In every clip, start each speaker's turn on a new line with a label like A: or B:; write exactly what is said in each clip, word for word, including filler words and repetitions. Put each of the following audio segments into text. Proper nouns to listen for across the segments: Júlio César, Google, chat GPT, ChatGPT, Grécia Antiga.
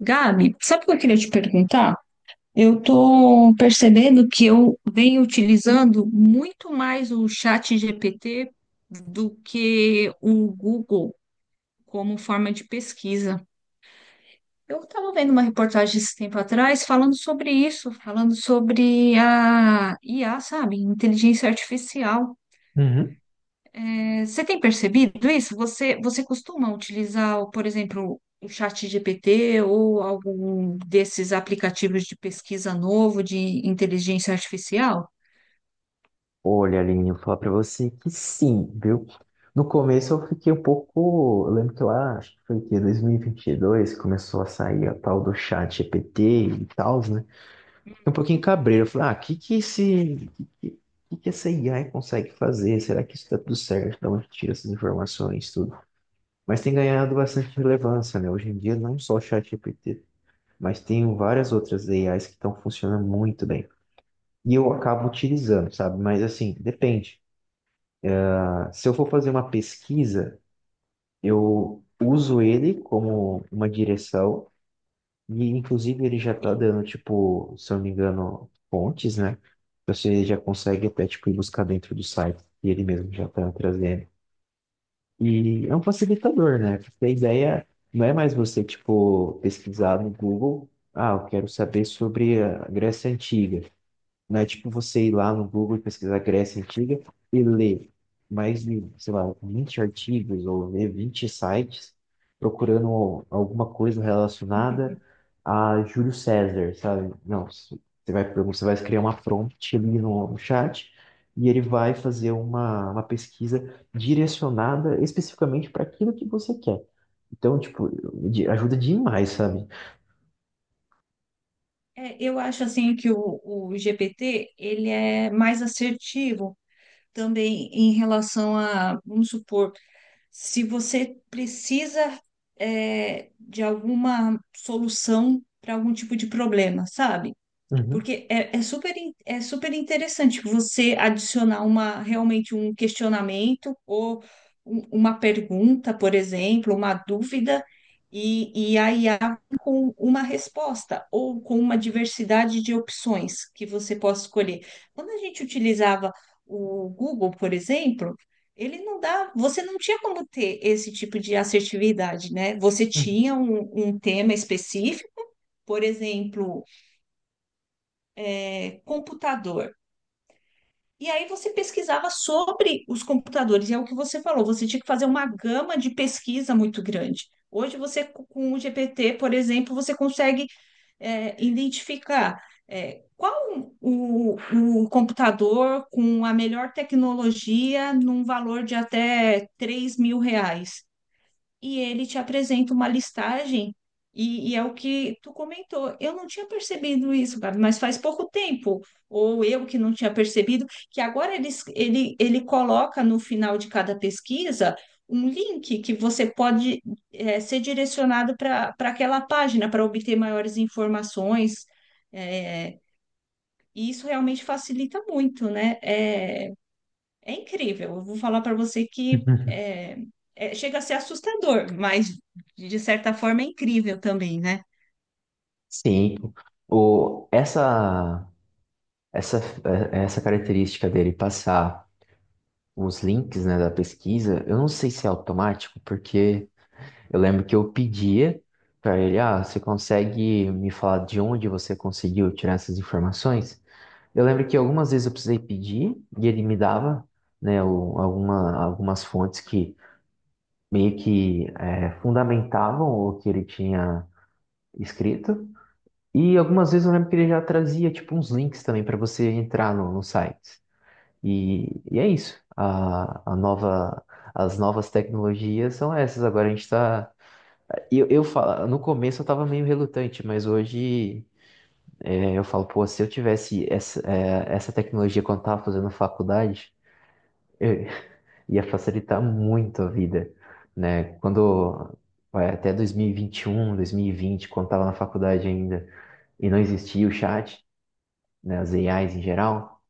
A: Gabi, sabe o que eu queria te perguntar? Eu tô percebendo que eu venho utilizando muito mais o chat G P T do que o Google como forma de pesquisa. Eu estava vendo uma reportagem esse tempo atrás falando sobre isso, falando sobre a I A, sabe? Inteligência artificial.
B: Uhum.
A: Você tem percebido isso? Você, você costuma utilizar, o- por exemplo, o chat G P T ou algum desses aplicativos de pesquisa novo de inteligência artificial?
B: Olha, Aline, eu vou falar pra você que sim, viu? No começo eu fiquei um pouco. Eu lembro que lá, acho que foi o quê? dois mil e vinte e dois, começou a sair a tal do chat G P T e tal, né? Fiquei um pouquinho cabreiro. Eu falei, ah, o que que esse. Que, que que que essa A I consegue fazer? Será que isso tá tudo certo? De onde tira essas informações, tudo? Mas tem ganhado bastante relevância, né? Hoje em dia, não só o chat G P T, mas tem várias outras A Is que estão funcionando muito bem. E eu acabo utilizando, sabe? Mas assim, depende. Se eu for fazer uma pesquisa, eu uso ele como uma direção, e inclusive ele já está
A: Sim.
B: dando, tipo, se eu não me engano, fontes, né? Você já consegue até, tipo, ir buscar dentro do site, e ele mesmo já está trazendo. E é um facilitador, né? Porque a ideia não é mais você, tipo, pesquisar no Google, ah, eu quero saber sobre a Grécia Antiga. Não é tipo você ir lá no Google e pesquisar Grécia Antiga e ler mais de, sei lá, vinte artigos ou ler vinte sites procurando alguma coisa relacionada a Júlio César, sabe? Não, você vai, você vai criar uma prompt ali no, no chat e ele vai fazer uma, uma pesquisa direcionada especificamente para aquilo que você quer. Então, tipo, de- ajuda demais, sabe?
A: É, eu acho assim que o, o G P T ele é mais assertivo também em relação a, vamos supor, se você precisa é, de alguma solução para algum tipo de problema, sabe?
B: Uhum.
A: Porque é, é super, in- é super interessante você adicionar uma realmente um questionamento ou um- uma pergunta, por exemplo, uma dúvida, e, e a I A com uma resposta ou com uma diversidade de opções que você possa escolher. Quando a gente utilizava o Google, por exemplo, ele não dá, você não tinha como ter esse tipo de assertividade, né? Você tinha um um tema específico, por exemplo, é, computador. E aí você pesquisava sobre os computadores, e é o que você falou, você tinha que fazer uma gama de pesquisa muito grande. Hoje você, com o G P T, por exemplo, você consegue é, identificar é, qual o, o computador com a melhor tecnologia num valor de até três mil reais e ele te apresenta uma listagem, e, e é o que tu comentou. Eu não tinha percebido isso, Gabi, mas faz pouco tempo, ou eu que não tinha percebido, que agora ele, ele, ele coloca no final de cada pesquisa um link que você pode eh, ser direcionado para para aquela página para obter maiores informações. eh, e isso realmente facilita muito, né? É, é incrível. Eu vou falar para você que é, é- chega a ser assustador, mas de certa forma é incrível também, né?
B: Sim, o, essa. Essa, é, é essa característica dele passar os links, né, da pesquisa, eu não sei se é automático, porque eu lembro que eu pedia para ele, ah, você consegue me falar de onde você conseguiu tirar essas informações? Eu lembro que algumas vezes eu precisei pedir e ele me dava, né, o- alguma, algumas fontes que meio que é, fundamentavam o que ele tinha escrito. E algumas vezes eu lembro que ele já trazia, tipo, uns links também para você entrar no, no site. E, e é isso. A, a nova, as novas tecnologias são essas. Agora a gente tá. Eu, eu falo, no começo eu tava meio relutante, mas hoje é, eu falo, pô, se eu tivesse essa, é, essa tecnologia quando eu tava fazendo faculdade, eu- ia facilitar muito a vida, né? Quando. Vai, Até dois mil e vinte e um, dois mil e vinte, quando tava na faculdade ainda, e não existia o chat, né, as A Is em geral,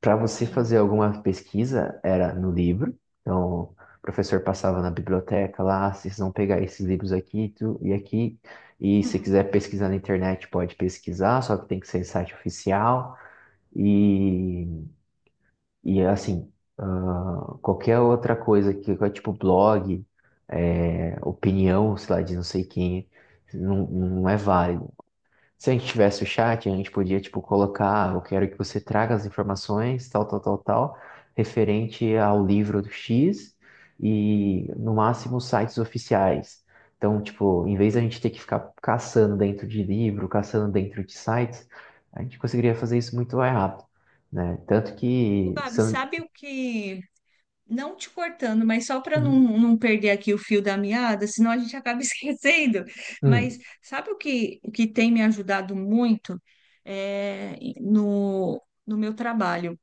B: para você
A: Sim.
B: fazer alguma pesquisa era no livro. Então, o professor passava na biblioteca lá: "Ah, vocês vão pegar esses livros aqui tu- e aqui. E se quiser
A: Uhum.
B: pesquisar na internet, pode pesquisar, só que tem que ser em site oficial. E, e assim, ah, qualquer outra coisa que que é tipo blog, é, opinião, sei lá, de não sei quem, não, não é válido. Se a gente tivesse o chat, a gente podia, tipo, colocar: "Ah, eu quero que você traga as informações, tal, tal, tal, tal, referente ao livro do X e, no máximo, sites oficiais. Então, tipo, em vez da gente ter que ficar caçando dentro de livro, caçando dentro de sites, a gente conseguiria fazer isso muito mais rápido, né? Tanto
A: Ô,
B: que... se
A: Gabi,
B: eu-
A: sabe o que? Não te cortando, mas só para não,
B: Uhum,
A: não perder aqui o fio da meada, senão a gente acaba esquecendo. Mas
B: uhum,
A: sabe o que, o que tem me ajudado muito é, no, no meu trabalho?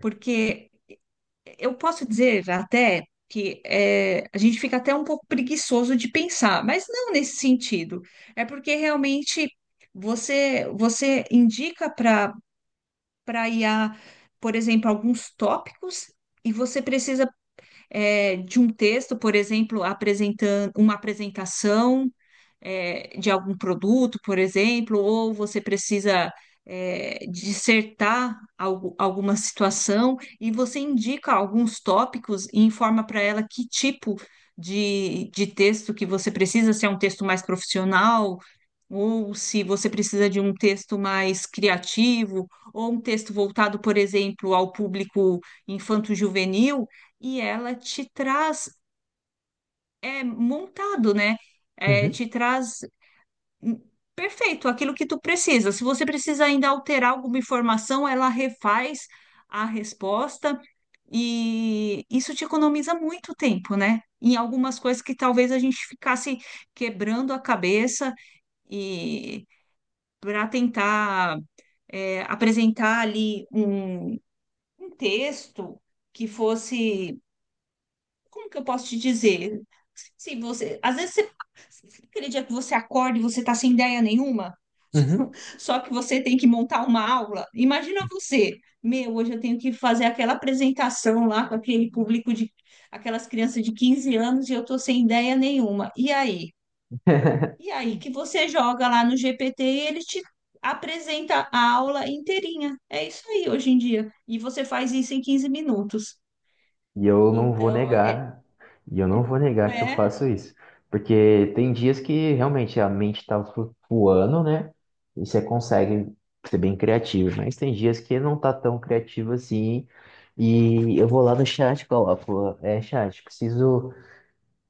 A: Porque eu posso dizer até que é, a gente fica até um pouco preguiçoso de pensar, mas não nesse sentido. É porque realmente você você indica para para I a, por exemplo, alguns tópicos e você precisa é, de um texto, por exemplo, apresentando uma apresentação é, de algum produto, por exemplo, ou você precisa é, dissertar algo- alguma situação e você indica alguns tópicos e informa para ela que tipo de, de texto que você precisa, se é um texto mais profissional, ou se você precisa de um texto mais criativo, ou um texto voltado, por exemplo, ao público infanto-juvenil e ela te traz é, montado, né? É,
B: uhum,
A: te traz hum, perfeito aquilo que tu precisa. Se você precisa ainda alterar alguma informação, ela refaz a resposta e isso te economiza muito tempo, né? Em algumas coisas que talvez a gente ficasse quebrando a cabeça e para tentar é, apresentar ali um um texto que fosse como que eu posso te dizer? Se você, Às vezes você, aquele dia que você acorda e você tá sem ideia nenhuma,
B: uhum. uhum.
A: só que você tem que montar uma aula. Imagina você, meu, hoje eu tenho que fazer aquela apresentação lá com aquele público de aquelas crianças de quinze anos e eu tô sem ideia nenhuma. E aí? E aí que você joga lá no G P T e ele te apresenta a aula inteirinha. É isso aí hoje em dia. E você faz isso em quinze minutos.
B: E eu não vou
A: Então, é,
B: negar, e eu não vou negar que eu
A: é
B: faço isso. Porque tem dias que realmente a mente tá flutuando, né? E você consegue ser bem criativo, mas tem dias que não tá tão criativo assim. E eu vou lá no chat, e coloco, é, chat, preciso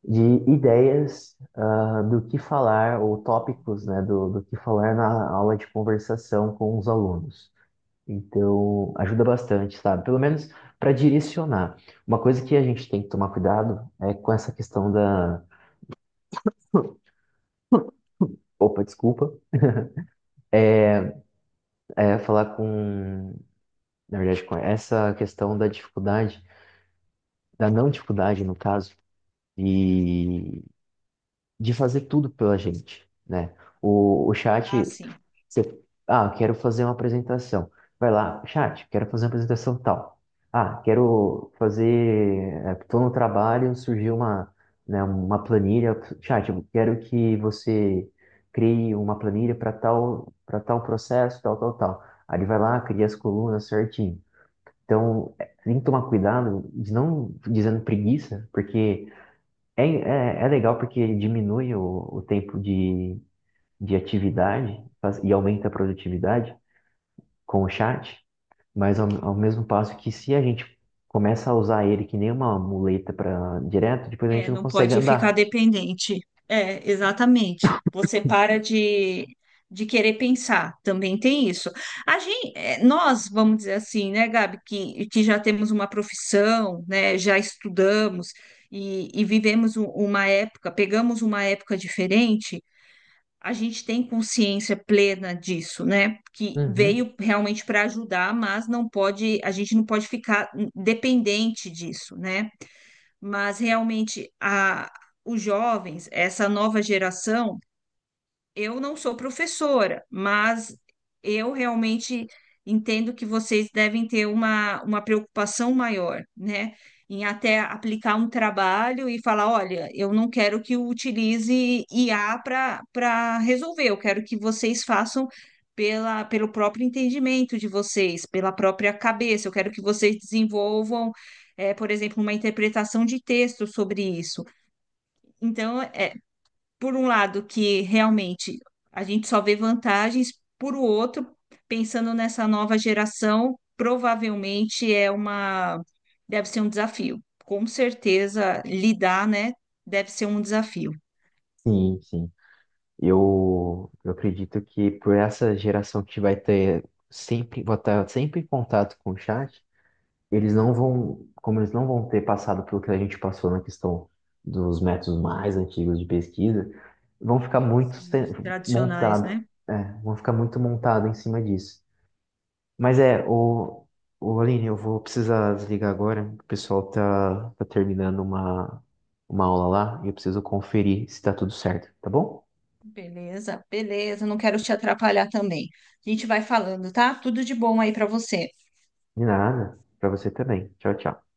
B: de ideias, ah, do que falar, ou tópicos, né, do, do que falar na aula de conversação com os alunos. Então, ajuda bastante, sabe? Pelo menos para direcionar. Uma coisa que a gente tem que tomar cuidado é com essa questão da. Opa, desculpa. É falar com. Na verdade, com essa questão da dificuldade, da não dificuldade, no caso, de, de fazer tudo pela gente, né? O, o chat,
A: assim.
B: Você, ah, quero fazer uma apresentação. Vai lá, chat, quero fazer uma apresentação tal. Ah, quero fazer. Estou no trabalho, surgiu uma, né, uma planilha. Chat, eu quero que você crie uma planilha para tal, para tal processo, tal, tal, tal. Aí ele vai lá, cria as colunas certinho. Então, é, tem que tomar cuidado de não dizendo preguiça, porque é, é, é legal porque ele diminui o, o tempo de, de atividade faz- e aumenta a produtividade com o chat, mas ao, ao mesmo passo que se a gente começa a usar ele que nem uma muleta para direto, depois a
A: É,
B: gente não
A: não
B: consegue
A: pode ficar
B: andar.
A: dependente. É, exatamente. Você para de, de querer pensar, também tem isso. A gente, nós, vamos dizer assim, né, Gabi, que, que já temos uma profissão, né, já estudamos e, e vivemos u- uma época, pegamos uma época diferente, a gente tem consciência plena disso, né? Que
B: Uhum.
A: veio realmente para ajudar, mas não pode, a gente não pode ficar dependente disso, né? Mas realmente a, os jovens, essa nova geração, eu não sou professora, mas eu realmente entendo que vocês devem ter uma, uma preocupação maior, né? Em até aplicar um trabalho e falar: olha, eu não quero que eu utilize I A para para resolver, eu quero que vocês façam pela, pelo próprio entendimento de vocês, pela própria cabeça, eu quero que vocês desenvolvam. Eh, por exemplo, uma interpretação de texto sobre isso. Então, é, por um lado, que realmente a gente só vê vantagens, por o outro, pensando nessa nova geração, provavelmente é uma deve ser um desafio. Com certeza, lidar, né, deve ser um desafio.
B: Sim, sim. Eu, eu acredito que por essa geração que vai ter sempre, vai estar sempre em contato com o chat, eles não vão, como eles não vão ter passado pelo que a gente passou na questão dos métodos mais antigos de pesquisa, vão ficar muito
A: Sim,
B: se-
A: os tradicionais,
B: montado,
A: né?
B: é, vão ficar muito montado em cima disso. Mas é, o, o Aline, eu vou precisar desligar agora. O pessoal tá, tá terminando uma, uma aula lá e eu preciso conferir se tá tudo certo, tá bom?
A: Beleza, beleza, não quero te atrapalhar também. A gente vai falando, tá? Tudo de bom aí para você.
B: De nada. Pra você também. Tchau, tchau.